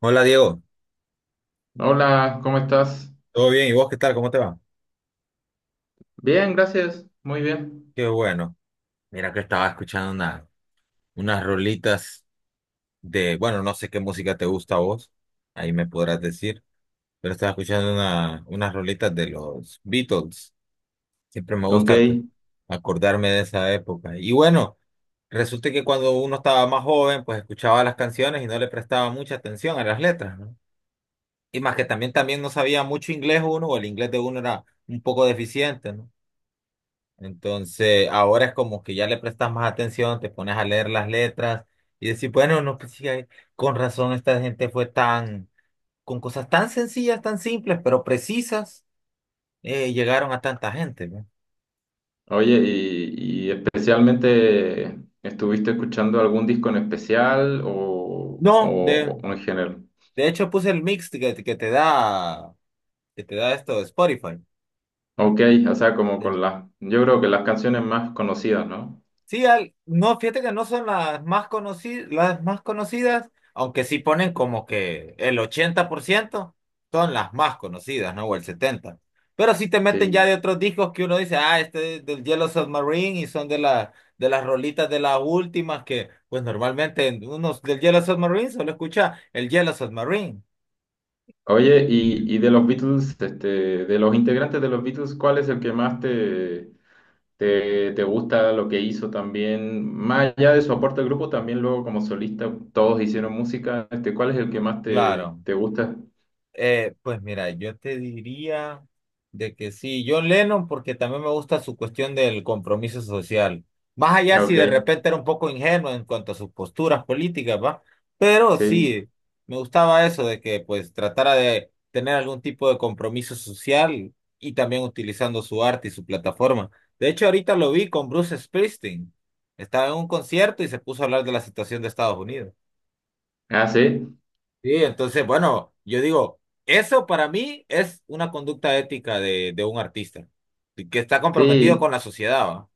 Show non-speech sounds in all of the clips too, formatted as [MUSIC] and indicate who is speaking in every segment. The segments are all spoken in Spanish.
Speaker 1: Hola Diego,
Speaker 2: Hola, ¿cómo estás?
Speaker 1: ¿todo bien? ¿Y vos qué tal? ¿Cómo te va?
Speaker 2: Bien, gracias, muy bien.
Speaker 1: Qué bueno. Mira que estaba escuchando unas rolitas bueno, no sé qué música te gusta a vos, ahí me podrás decir, pero estaba escuchando unas rolitas de los Beatles. Siempre me
Speaker 2: Ok.
Speaker 1: gusta acordarme de esa época. Y bueno, resulta que cuando uno estaba más joven, pues escuchaba las canciones y no le prestaba mucha atención a las letras, ¿no? Y más que también no sabía mucho inglés uno, o el inglés de uno era un poco deficiente, ¿no? Entonces, ahora es como que ya le prestas más atención, te pones a leer las letras y decir, bueno, no, pues sí, con razón esta gente fue tan, con cosas tan sencillas, tan simples, pero precisas, llegaron a tanta gente, ¿no?
Speaker 2: Oye, y especialmente, ¿estuviste escuchando algún disco en especial o,
Speaker 1: No,
Speaker 2: o- o en general?
Speaker 1: de hecho puse el mix que te da esto de Spotify.
Speaker 2: Ok, o sea, como con yo creo que las canciones más conocidas, ¿no?
Speaker 1: Sí, no, fíjate que no son las más conocidas, aunque sí ponen como que el 80% son las más conocidas, ¿no? O el 70%. Pero sí te meten ya
Speaker 2: Sí.
Speaker 1: de otros discos que uno dice, ah, este es del Yellow Submarine y son de las rolitas de las últimas que, pues normalmente en unos del Yellow Submarine solo escucha el Yellow Submarine.
Speaker 2: Oye,
Speaker 1: Ujú.
Speaker 2: y de los Beatles, este, de los integrantes de los Beatles, ¿cuál es el que más te? ¿Te, te gusta lo que hizo también? Más allá de su aporte al grupo, también luego como solista todos hicieron música. Este, ¿cuál es el que más te,
Speaker 1: Claro.
Speaker 2: te gusta?
Speaker 1: Pues mira, yo te diría de que sí, John Lennon, porque también me gusta su cuestión del compromiso social. Más allá
Speaker 2: Ah,
Speaker 1: si
Speaker 2: ok,
Speaker 1: de repente era un poco ingenuo en cuanto a sus posturas políticas, ¿va? Pero
Speaker 2: sí.
Speaker 1: sí, me gustaba eso de que pues tratara de tener algún tipo de compromiso social y también utilizando su arte y su plataforma. De hecho, ahorita lo vi con Bruce Springsteen. Estaba en un concierto y se puso a hablar de la situación de Estados Unidos.
Speaker 2: Ah, sí.
Speaker 1: Sí, entonces, bueno, yo digo, eso para mí es una conducta ética de un artista, que está comprometido
Speaker 2: Sí,
Speaker 1: con la sociedad, ¿va?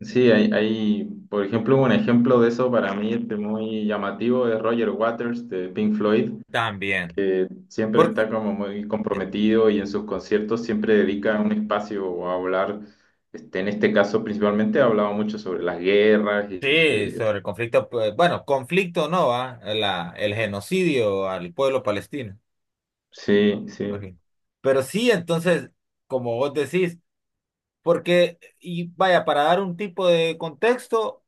Speaker 2: sí, por ejemplo, un ejemplo de eso para mí este, muy llamativo es Roger Waters de Pink Floyd,
Speaker 1: También.
Speaker 2: que siempre
Speaker 1: Por-
Speaker 2: está como muy comprometido y en sus conciertos siempre dedica un espacio a hablar. Este, en este caso, principalmente, ha hablado mucho sobre las guerras.
Speaker 1: sí,
Speaker 2: Este,
Speaker 1: sobre el conflicto, pues, bueno, conflicto no, ¿va? El genocidio al pueblo palestino.
Speaker 2: sí,
Speaker 1: Ok.
Speaker 2: sí.
Speaker 1: Pero sí, entonces, como vos decís, porque, y vaya, para dar un tipo de contexto,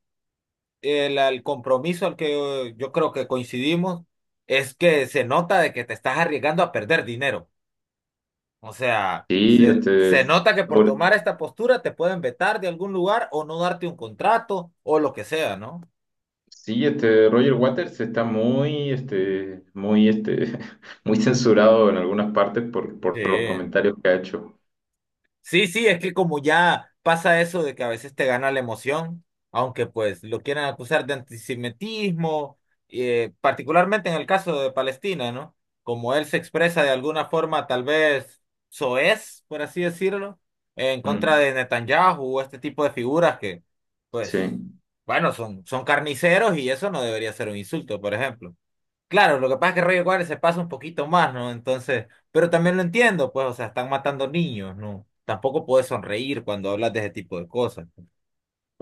Speaker 1: el compromiso al que yo creo que coincidimos es que se nota de que te estás arriesgando a perder dinero. O sea,
Speaker 2: Sí,
Speaker 1: se,
Speaker 2: este,
Speaker 1: se nota que por
Speaker 2: sobre-
Speaker 1: tomar esta postura te pueden vetar de algún lugar o no darte un contrato o lo que sea, ¿no?
Speaker 2: sí, este, Roger Waters está muy, este, [LAUGHS] muy censurado en algunas partes
Speaker 1: Sí.
Speaker 2: por los comentarios que ha hecho.
Speaker 1: Sí, sí, es que como ya pasa eso de que a veces te gana la emoción, aunque pues lo quieran acusar de antisemitismo, particularmente en el caso de Palestina, ¿no? Como él se expresa de alguna forma tal vez soez, por así decirlo, en contra
Speaker 2: Mm,
Speaker 1: de Netanyahu o este tipo de figuras que, pues,
Speaker 2: sí.
Speaker 1: bueno, son carniceros y eso no debería ser un insulto, por ejemplo. Claro, lo que pasa es que Rayo Cuadra se pasa un poquito más, ¿no? Entonces, pero también lo entiendo, pues, o sea, están matando niños, ¿no? Tampoco puedes sonreír cuando hablas de ese tipo de cosas.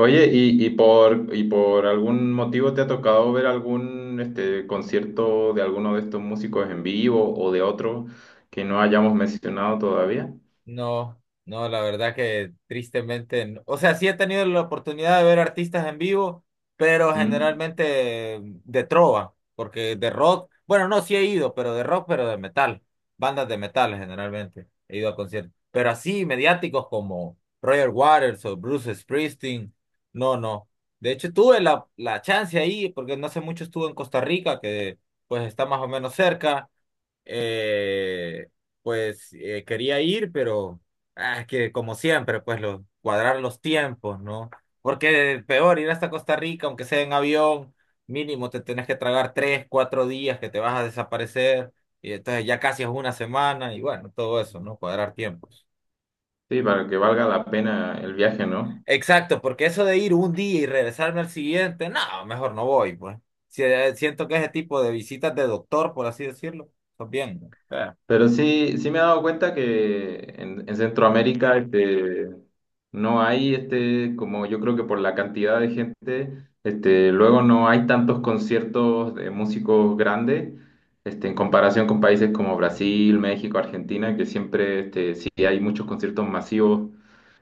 Speaker 2: Oye, y por algún motivo te ha tocado ver algún, este, concierto de alguno de estos músicos en vivo o de otro que no hayamos mencionado todavía?
Speaker 1: No, no, la verdad que tristemente, no. O sea, sí he tenido la oportunidad de ver artistas en vivo, pero
Speaker 2: Mm,
Speaker 1: generalmente de trova, porque de rock, bueno, no, sí he ido, pero de rock, pero de metal, bandas de metal generalmente, he ido a conciertos, pero así mediáticos como Roger Waters o Bruce Springsteen, no, no. De hecho, tuve la chance ahí, porque no hace mucho estuve en Costa Rica, que pues está más o menos cerca, eh, pues quería ir, pero que como siempre, pues cuadrar los tiempos, ¿no? Porque peor ir hasta Costa Rica, aunque sea en avión, mínimo te tenés que tragar tres, cuatro días que te vas a desaparecer, y entonces ya casi es una semana, y bueno, todo eso, ¿no? Cuadrar tiempos.
Speaker 2: sí, para que valga la pena el viaje, ¿no?
Speaker 1: Exacto, porque eso de ir un día y regresarme al siguiente, no, mejor no voy, pues. Siento que ese tipo de visitas de doctor, por así decirlo, está bien, ¿no?
Speaker 2: Pero sí, sí me he dado cuenta que en Centroamérica este, no hay, este, como yo creo que por la cantidad de gente, este, luego no hay tantos conciertos de músicos grandes, este, en comparación con países como Brasil, México, Argentina, que siempre este, sí hay muchos conciertos masivos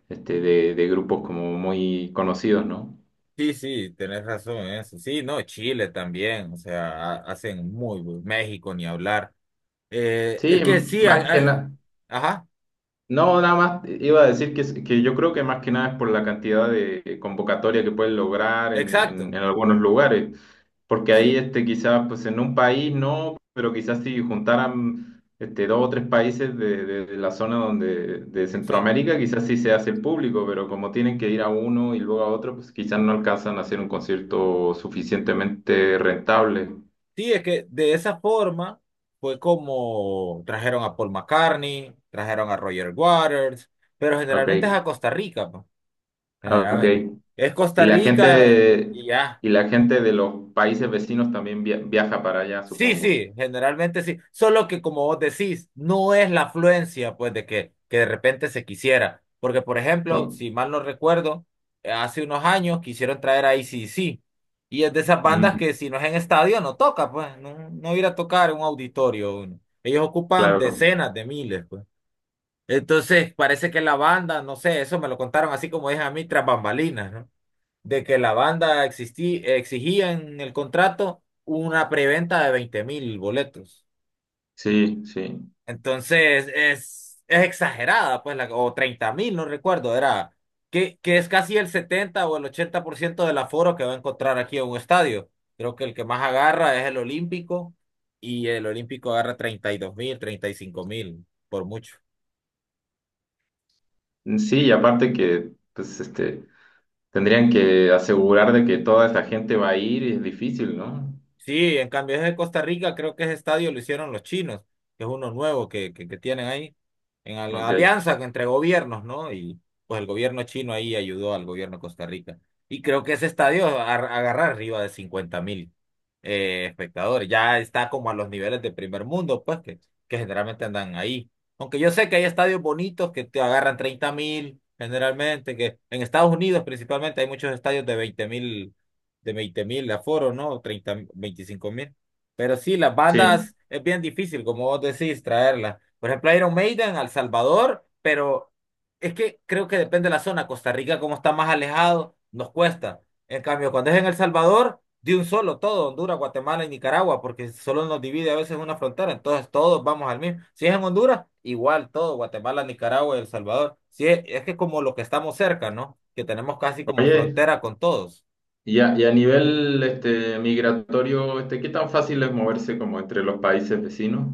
Speaker 2: este, de grupos como muy conocidos, ¿no?
Speaker 1: Sí, sí, tenés razón en eso. Sí, no, Chile también, o sea, hacen muy buen México ni hablar. Es
Speaker 2: Sí,
Speaker 1: que sí,
Speaker 2: más que nada.
Speaker 1: ajá,
Speaker 2: No, nada más iba a decir que, que yo creo que más que nada es por la cantidad de convocatoria que pueden lograr en
Speaker 1: exacto,
Speaker 2: algunos lugares, porque
Speaker 1: sí,
Speaker 2: ahí este, quizás pues en un país no, pero quizás si juntaran este, dos o tres países de la zona donde, de
Speaker 1: exacto.
Speaker 2: Centroamérica, quizás sí se hace público, pero como tienen que ir a uno y luego a otro, pues quizás no alcanzan a hacer un concierto suficientemente rentable.
Speaker 1: Sí, es que de esa forma fue como trajeron a Paul McCartney, trajeron a Roger Waters, pero
Speaker 2: Ok,
Speaker 1: generalmente es a Costa Rica, pues,
Speaker 2: ok.
Speaker 1: generalmente. Es Costa
Speaker 2: Y la
Speaker 1: Rica
Speaker 2: gente,
Speaker 1: y ya.
Speaker 2: y la gente de los países vecinos también viaja para allá,
Speaker 1: Sí,
Speaker 2: supongo.
Speaker 1: sí, generalmente sí. Solo que como vos decís, no es la afluencia, pues, de que, de repente se quisiera. Porque, por ejemplo,
Speaker 2: Bueno,
Speaker 1: si mal no recuerdo, hace unos años quisieron traer a ac Y es de esas bandas
Speaker 2: mm,
Speaker 1: que si no es en estadio no toca, pues, no, no ir a tocar en un auditorio. Uno. Ellos ocupan
Speaker 2: claro,
Speaker 1: decenas de miles, pues. Entonces, parece que la banda, no sé, eso me lo contaron así como dije a mí tras bambalinas, ¿no? De que la banda exigía en el contrato una preventa de 20.000 boletos.
Speaker 2: sí, sí.
Speaker 1: Entonces es exagerada, pues, o 30.000, no recuerdo, era que es casi el 70 o el 80% del aforo que va a encontrar aquí en un estadio. Creo que el que más agarra es el Olímpico y el Olímpico agarra 32.000, 35.000, por mucho.
Speaker 2: Mm, sí, y aparte que, pues, este, tendrían que asegurar de que toda esa gente va a ir y es difícil, ¿no?
Speaker 1: Sí, en cambio es de Costa Rica, creo que ese estadio lo hicieron los chinos, que es uno nuevo que tienen ahí, en
Speaker 2: Ok,
Speaker 1: alianza entre gobiernos, ¿no? Y pues el gobierno chino ahí ayudó al gobierno de Costa Rica. Y creo que ese estadio agarra arriba de 50.000 espectadores, ya está como a los niveles de primer mundo, pues que generalmente andan ahí. Aunque yo sé que hay estadios bonitos que te agarran 30.000 generalmente, que en Estados Unidos principalmente hay muchos estadios de veinte mil aforo, ¿no? Treinta 25 mil. Pero sí, las
Speaker 2: sí.
Speaker 1: bandas es bien difícil, como vos decís, traerlas. Por ejemplo, Iron Maiden al Salvador, pero es que creo que depende de la zona. Costa Rica, como está más alejado, nos cuesta. En cambio, cuando es en El Salvador, de un solo todo, Honduras, Guatemala y Nicaragua, porque solo nos divide a veces una frontera, entonces todos vamos al mismo. Si es en Honduras, igual todo, Guatemala, Nicaragua y El Salvador. Si es, es que como lo que estamos cerca, ¿no? Que tenemos casi como
Speaker 2: Oye,
Speaker 1: frontera con todos.
Speaker 2: y a nivel, este, migratorio, este, ¿qué tan fácil es moverse como entre los países vecinos?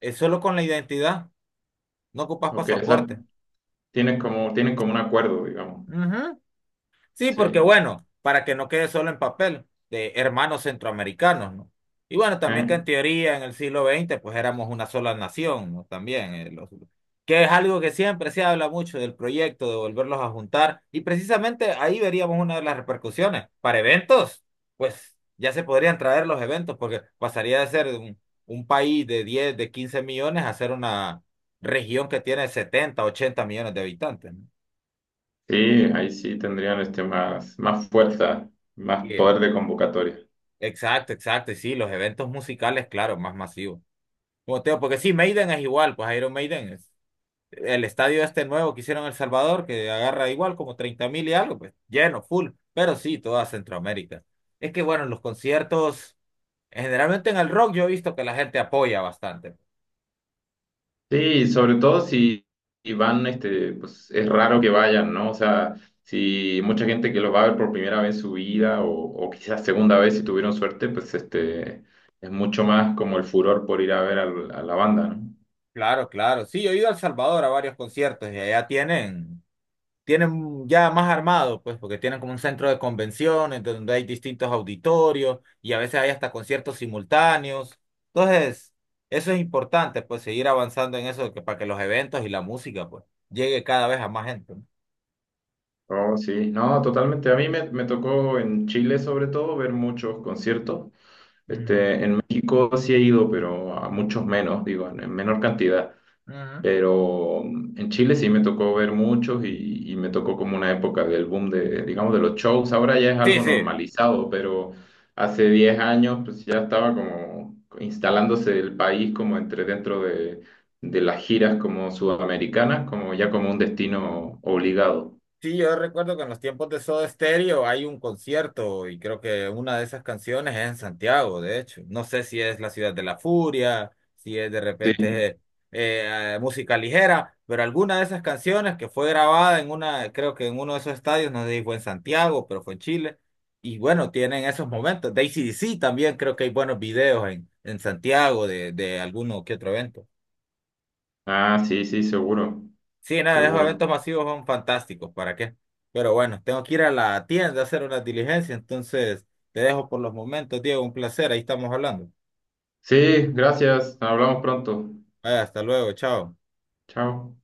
Speaker 1: Es solo con la identidad. No ocupas
Speaker 2: Ok, o sea,
Speaker 1: pasaporte.
Speaker 2: tienen como un acuerdo, digamos.
Speaker 1: Ujú. Sí, porque
Speaker 2: Sí.
Speaker 1: bueno, para que no quede solo en papel, de hermanos centroamericanos, ¿no? Y bueno, también que
Speaker 2: ¿Eh?
Speaker 1: en teoría en el siglo XX, pues éramos una sola nación, ¿no? También, que es algo que siempre se habla mucho del proyecto de volverlos a juntar y precisamente ahí veríamos una de las repercusiones. Para eventos, pues ya se podrían traer los eventos porque pasaría de ser un país de 10, de 15 millones a ser una región que tiene 70, 80 millones de habitantes,
Speaker 2: Sí, ahí sí tendrían este más, más fuerza, más
Speaker 1: ¿no?
Speaker 2: poder de convocatoria.
Speaker 1: Exacto, exacto, y sí, los eventos musicales, claro, más masivos. Como te digo, porque sí, Maiden es igual, pues Iron Maiden es el estadio este nuevo que hicieron en El Salvador, que agarra igual como 30.000 y algo, pues lleno, full, pero sí, toda Centroamérica. Es que bueno, los conciertos, generalmente en el rock yo he visto que la gente apoya bastante.
Speaker 2: Sí, y sobre todo si van, este, pues es raro que vayan, ¿no? O sea, si mucha gente que los va a ver por primera vez en su vida o quizás segunda vez si tuvieron suerte, pues este es mucho más como el furor por ir a ver a la banda, ¿no?
Speaker 1: Claro, claro, sí, yo he ido a El Salvador a varios conciertos y allá tienen ya más armado, pues, porque tienen como un centro de convenciones donde hay distintos auditorios y a veces hay hasta conciertos simultáneos. Entonces, eso es importante, pues, seguir avanzando en eso de que, para que los eventos y la música, pues, llegue cada vez a más gente, ¿no?
Speaker 2: Oh, sí, no, totalmente. A mí me tocó en Chile sobre todo ver muchos conciertos.
Speaker 1: Ujú,
Speaker 2: Este, en México sí he ido, pero a muchos menos, digo, en menor cantidad.
Speaker 1: ujú.
Speaker 2: Pero mm, en Chile sí me tocó ver muchos y me tocó como una época del boom de, digamos, de los shows. Ahora ya es
Speaker 1: Sí,
Speaker 2: algo
Speaker 1: sí.
Speaker 2: normalizado, pero hace 10 años pues ya estaba como instalándose el país como entre dentro de las giras como sudamericanas, como ya como un destino obligado.
Speaker 1: Sí, yo recuerdo que en los tiempos de Soda Stereo hay un concierto y creo que una de esas canciones es en Santiago, de hecho. No sé si es la ciudad de la furia, si es de repente,
Speaker 2: Sí.
Speaker 1: música ligera, pero alguna de esas canciones que fue grabada en una, creo que en uno de esos estadios, no sé si fue en Santiago, pero fue en Chile. Y bueno, tienen esos momentos. De ac también creo que hay buenos videos en Santiago de alguno que otro evento.
Speaker 2: Ah, sí, sí, seguro,
Speaker 1: Sí, nada, esos
Speaker 2: seguro.
Speaker 1: eventos masivos son fantásticos, ¿para qué? Pero bueno, tengo que ir a la tienda a hacer una diligencia, entonces te dejo por los momentos, Diego, un placer, ahí estamos hablando.
Speaker 2: Sí, gracias. Hablamos pronto.
Speaker 1: Vaya, hasta luego, chao.
Speaker 2: Chao.